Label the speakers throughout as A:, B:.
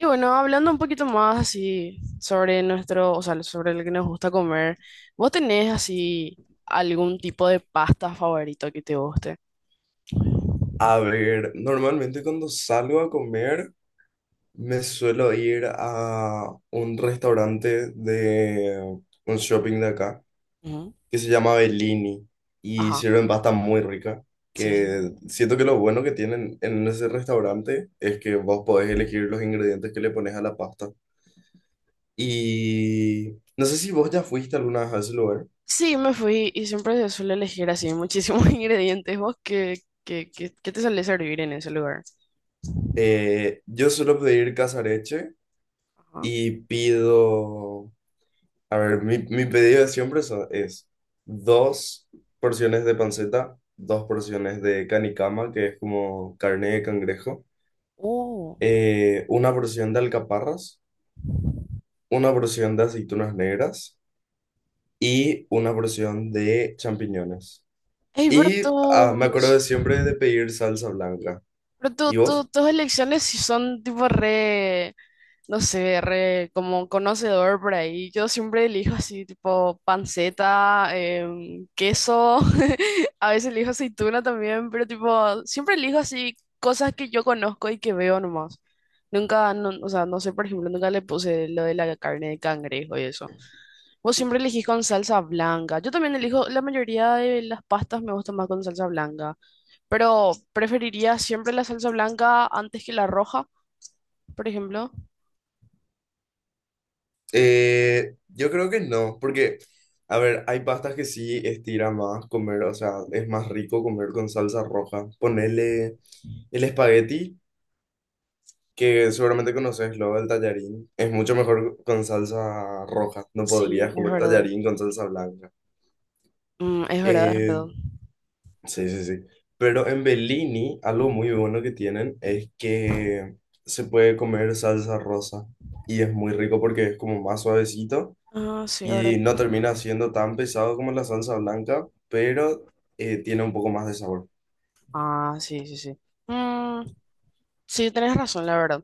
A: Y bueno, hablando un poquito más así sobre nuestro, o sea, sobre lo que nos gusta comer, ¿vos tenés así algún tipo de pasta favorito que te guste?
B: A ver, normalmente cuando salgo a comer me suelo ir a un restaurante de un shopping de acá
A: Ujú.
B: que se llama Bellini y
A: Ajá,
B: sirven pasta muy rica.
A: sí. Sí, sí.
B: Que siento que lo bueno que tienen en ese restaurante es que vos podés elegir los ingredientes que le pones a la pasta. Y no sé si vos ya fuiste alguna vez a ese lugar.
A: Sí, me fui y siempre se suele elegir así muchísimos ingredientes. ¿Vos qué te suele servir en ese lugar?
B: Yo suelo pedir casareche
A: Ajá.
B: y pido. A ver, mi pedido de siempre es dos porciones de panceta, dos porciones de canicama, que es como carne de cangrejo,
A: Oh.
B: una porción de alcaparras, una porción de aceitunas negras y una porción de champiñones.
A: Ey, pero
B: Y ah, me acuerdo de
A: tus,
B: siempre de pedir salsa blanca.
A: pero tu-
B: ¿Y
A: tu-
B: vos?
A: tus elecciones sí son tipo re, no sé, re como conocedor por ahí. Yo siempre elijo así, tipo panceta, queso, a veces elijo aceituna también, pero tipo, siempre elijo así cosas que yo conozco y que veo nomás. Nunca, no, o sea, no sé, por ejemplo, nunca le puse lo de la carne de cangrejo y eso. Vos siempre elegís con salsa blanca. Yo también elijo, la mayoría de las pastas me gustan más con salsa blanca, pero preferiría siempre la salsa blanca antes que la roja, por ejemplo.
B: Yo creo que no, porque, a ver, hay pastas que sí estira más comer, o sea, es más rico comer con salsa roja. Ponele. El espagueti, que seguramente conoces, luego el tallarín, es mucho mejor con salsa roja. No
A: Sí,
B: podrías
A: es
B: comer
A: verdad.
B: tallarín con salsa blanca.
A: Mm, es verdad, es
B: Eh,
A: verdad.
B: sí, sí, sí. Pero en Bellini, algo muy bueno que tienen es que se puede comer salsa rosa. Y es muy rico porque es como más suavecito
A: Ah, sí,
B: y
A: verdad.
B: no termina siendo tan pesado como la salsa blanca, pero tiene un poco más de sabor.
A: Ah, sí, sí, sí. Mm, sí, tenés razón, la verdad.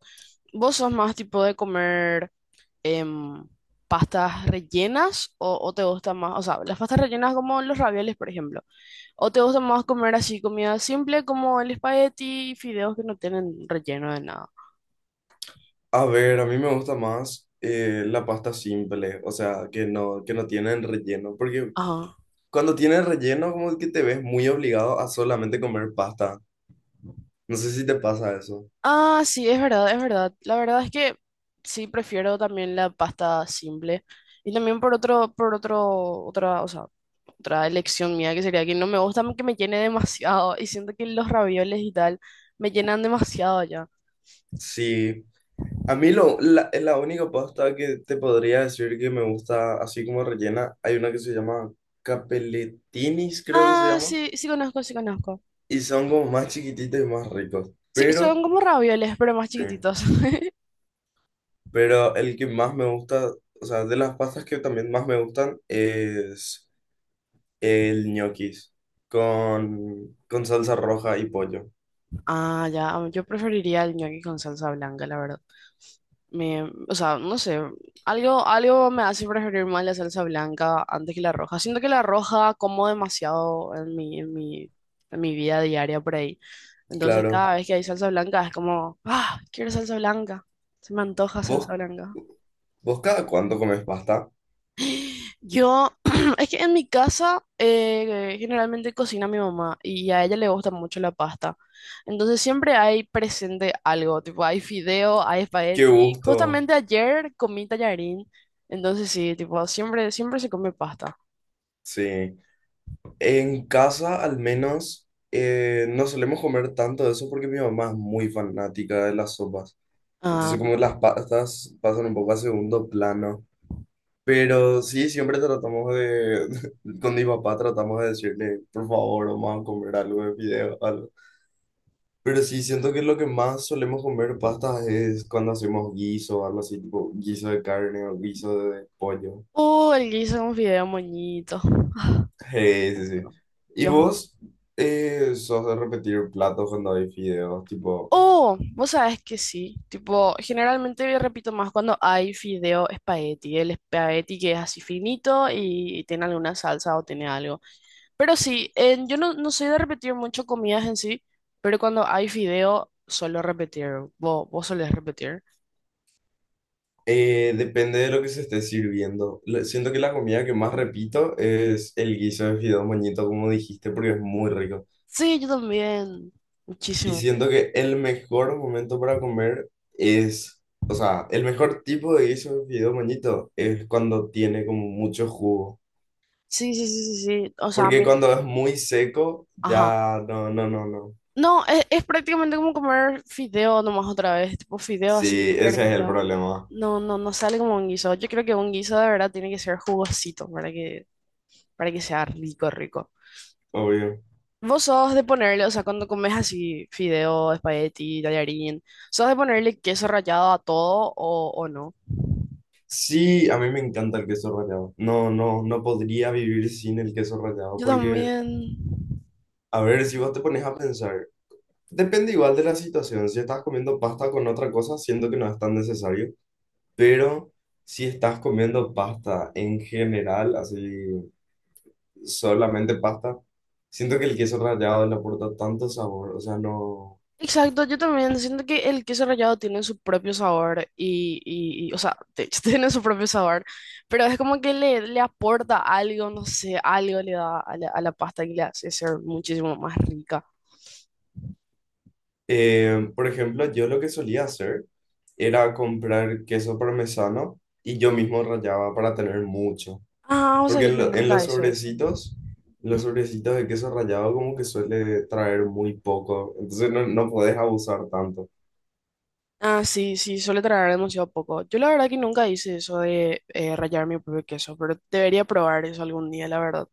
A: ¿Vos sos más tipo de comer em, pastas rellenas o te gusta más, o sea, las pastas rellenas como los ravioles, por ejemplo? ¿O te gusta más comer así comida simple como el espagueti y fideos que no tienen relleno de nada?
B: A ver, a mí me gusta más la pasta simple, o sea, que no tienen relleno, porque
A: Ajá.
B: cuando tienen relleno como que te ves muy obligado a solamente comer pasta. No sé si te pasa eso.
A: Ah, sí, es verdad, es verdad. La verdad es que sí prefiero también la pasta simple. Y también por otro, otra, o sea, otra elección mía que sería que no me gusta que me llene demasiado y siento que los ravioles y tal me llenan demasiado ya.
B: Sí, a mí la única pasta que te podría decir que me gusta así como rellena, hay una que se llama capelletinis, creo que se
A: Ah,
B: llama,
A: sí, sí conozco, sí conozco.
B: y son como más chiquititos y más ricos,
A: Sí,
B: pero,
A: son como ravioles, pero más
B: sí,
A: chiquititos.
B: pero el que más me gusta, o sea, de las pastas que también más me gustan es... El ñoquis con salsa roja y pollo.
A: Ah, ya, ah, yo preferiría el ñoqui con salsa blanca, la verdad. Me, o sea, no sé, algo, algo me hace preferir más la salsa blanca antes que la roja. Siento que la roja como demasiado en mi vida diaria por ahí. Entonces
B: Claro.
A: cada vez que hay salsa blanca es como, ah, quiero salsa blanca, se me antoja salsa
B: ¿Vos,
A: blanca.
B: vos cada cuánto comes pasta?
A: Yo, es que en mi casa generalmente cocina mi mamá y a ella le gusta mucho la pasta. Entonces siempre hay presente algo, tipo hay fideo, hay
B: Qué
A: espagueti.
B: gusto.
A: Justamente ayer comí tallarín, entonces sí, tipo siempre, siempre se come pasta.
B: Sí. En casa al menos no solemos comer tanto de eso porque mi mamá es muy fanática de las sopas. Entonces
A: Ah,
B: como las pastas pasan un poco a segundo plano. Pero sí, siempre tratamos de, con mi papá tratamos de decirle, por favor, vamos a comer algo de fideo, algo. Pero sí, siento que lo que más solemos comer pastas es cuando hacemos guiso o algo así, tipo guiso de carne o guiso de pollo.
A: el guiso con fideo moñito.
B: Sí, sí, sí. ¿Y
A: Dios.
B: vos sos de repetir platos cuando hay fideos? Tipo,
A: Oh, vos sabés que sí. Tipo, generalmente yo repito más cuando hay fideo espagueti. El espagueti que es así finito y tiene alguna salsa o tiene algo. Pero sí, en- yo no, no soy de repetir mucho comidas en sí, pero cuando hay fideo suelo repetir. ¿Vos, vos solés repetir?
B: depende de lo que se esté sirviendo. Le- Siento que la comida que más repito es el guiso de fideos moñito, como dijiste, porque es muy rico.
A: Sí, yo también.
B: Y
A: Muchísimo.
B: siento que el mejor momento para comer es, o sea, el mejor tipo de guiso de fideo moñito es cuando tiene como mucho jugo.
A: Sí, sí, sí, sí, sí. O sea, a
B: Porque
A: mí...
B: cuando es muy seco,
A: Ajá.
B: ya no, no, no, no.
A: No, es prácticamente como comer fideo nomás otra vez, tipo fideo así,
B: Sí, ese es el
A: perdido.
B: problema,
A: No, no, no sale como un guiso. Yo creo que un guiso de verdad tiene que ser jugosito para que sea rico, rico.
B: obvio.
A: Vos sos de ponerle, o sea, cuando comes así fideo, espagueti, tallarín, ¿sos de ponerle queso rallado a todo o no?
B: Sí, a mí me encanta el queso rallado. No, no, no podría vivir sin el queso rallado
A: Yo
B: porque,
A: también.
B: a ver, si vos te pones a pensar, depende igual de la situación. Si estás comiendo pasta con otra cosa, siento que no es tan necesario. Pero si estás comiendo pasta en general, así solamente pasta, siento que el queso rallado le aporta tanto sabor. O sea, no.
A: Exacto, yo también siento que el queso rallado tiene su propio sabor y, o sea, de hecho tiene su propio sabor, pero es como que le aporta algo, no sé, algo le da a la pasta y le hace ser muchísimo más rica.
B: Por ejemplo, yo lo que solía hacer era comprar queso parmesano y yo mismo rallaba para tener mucho.
A: Ah, o sea
B: Porque
A: que yo
B: en
A: nunca hice eso. Ujú.
B: los sobrecitos de queso rallado como que suele traer muy poco. Entonces no, no podés abusar tanto.
A: Ah, sí, sí, suele traer demasiado poco. Yo la verdad que nunca hice eso de rallar mi propio queso, pero debería probar eso algún día, la verdad.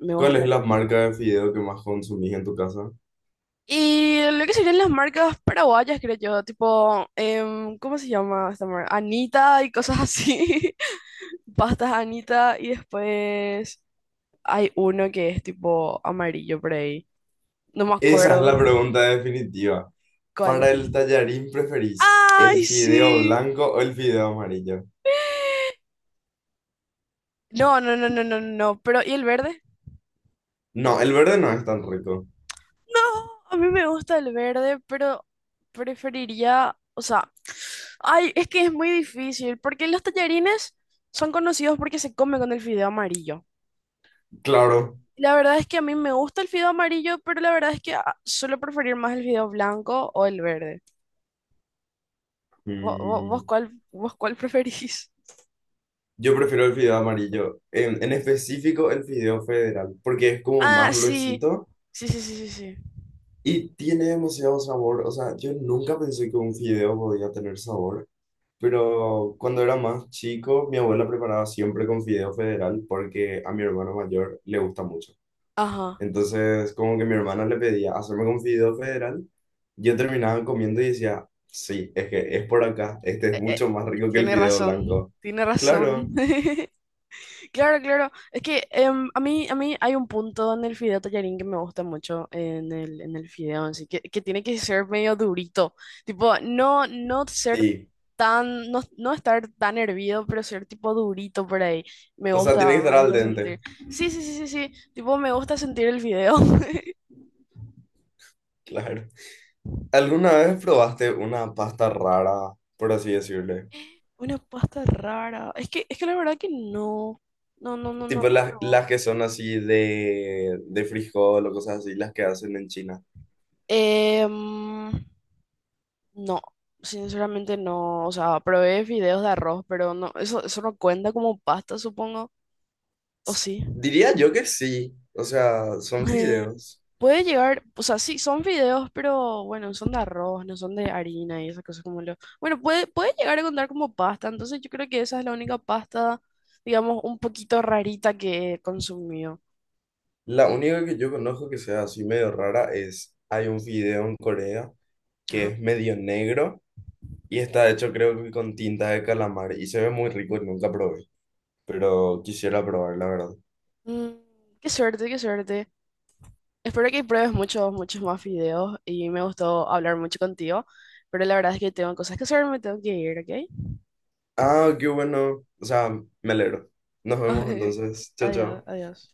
A: Me
B: ¿Cuál
A: gusta.
B: es la marca de fideo que más consumís en tu casa?
A: Y lo que serían las marcas paraguayas, creo yo, tipo, ¿cómo se llama esta marca? Anita y cosas así. Pastas Anita y después hay uno que es tipo amarillo por ahí. No me
B: Esa es
A: acuerdo.
B: la pregunta definitiva.
A: ¿Cuál?
B: Para el tallarín, ¿preferís el
A: ¡Ay,
B: fideo
A: sí!
B: blanco o el fideo amarillo?
A: No, no, no, no, no, no. Pero, ¿y el verde?
B: No, el verde no es tan rico.
A: No, a mí me gusta el verde, pero preferiría, o sea, ay, es que es muy difícil, porque los tallarines son conocidos porque se comen con el fideo amarillo.
B: Claro.
A: La verdad es que a mí me gusta el fideo amarillo, pero la verdad es que ah, suelo preferir más el fideo blanco o el verde. ¿Vos, vos
B: Mm,
A: cuál, vos cuál preferís?
B: yo prefiero el fideo amarillo. En específico, el fideo federal, porque es como
A: Ah,
B: más
A: sí.
B: gruesito
A: Sí, sí, sí, sí, sí.
B: y tiene demasiado sabor. O sea, yo nunca pensé que un fideo podía tener sabor. Pero cuando era más chico, mi abuela preparaba siempre con fideo federal porque a mi hermano mayor le gusta mucho.
A: Ajá.
B: Entonces, como que mi hermana le pedía hacerme con fideo federal, yo terminaba comiendo y decía, sí, es que es por acá, este es
A: Eh, eh,
B: mucho más rico que el
A: tiene
B: fideo
A: razón,
B: blanco.
A: tiene
B: Claro,
A: razón. Claro, claro. Es que a mí hay un punto en el fideo tallarín que me gusta mucho en el fideo, así que tiene que ser medio durito. Tipo, no, no ser
B: sí.
A: tan, no, no estar tan hervido, pero ser tipo durito por ahí.
B: O sea, tiene que estar
A: Me
B: al
A: gusta
B: dente,
A: sentir. Sí, sí, sí, sí, sí. Tipo, me gusta sentir el fideo.
B: claro. ¿Alguna vez probaste una pasta rara, por así decirle?
A: Una pasta rara. Es que la verdad que no. No, no, no,
B: Tipo
A: no. he
B: las que son así de frijol o cosas así, las que hacen en China.
A: Em, No, sinceramente no. O sea, probé fideos de arroz, pero no, eso no cuenta como pasta, supongo. O sí.
B: Diría yo que sí, o sea, son
A: Eh,
B: fideos.
A: Puede llegar, o sea, sí, son fideos, pero bueno, son de arroz, no son de harina y esas cosas como lo. Bueno, puede, puede llegar a contar como pasta, entonces yo creo que esa es la única pasta, digamos, un poquito rarita que he consumido.
B: La única que yo conozco que sea así medio rara es, hay un video en Corea que
A: Ajá.
B: es medio negro y está hecho creo que con tinta de calamar y se ve muy rico y nunca probé, pero quisiera probar la verdad.
A: Mm, qué suerte, qué suerte. Espero que pruebes muchos, muchos más videos y me gustó hablar mucho contigo, pero la verdad es que tengo cosas que hacer, me tengo que ir, ¿ok?
B: Ah, qué bueno, o sea, me alegro. Nos vemos entonces, chao,
A: Adiós,
B: chao.
A: adiós.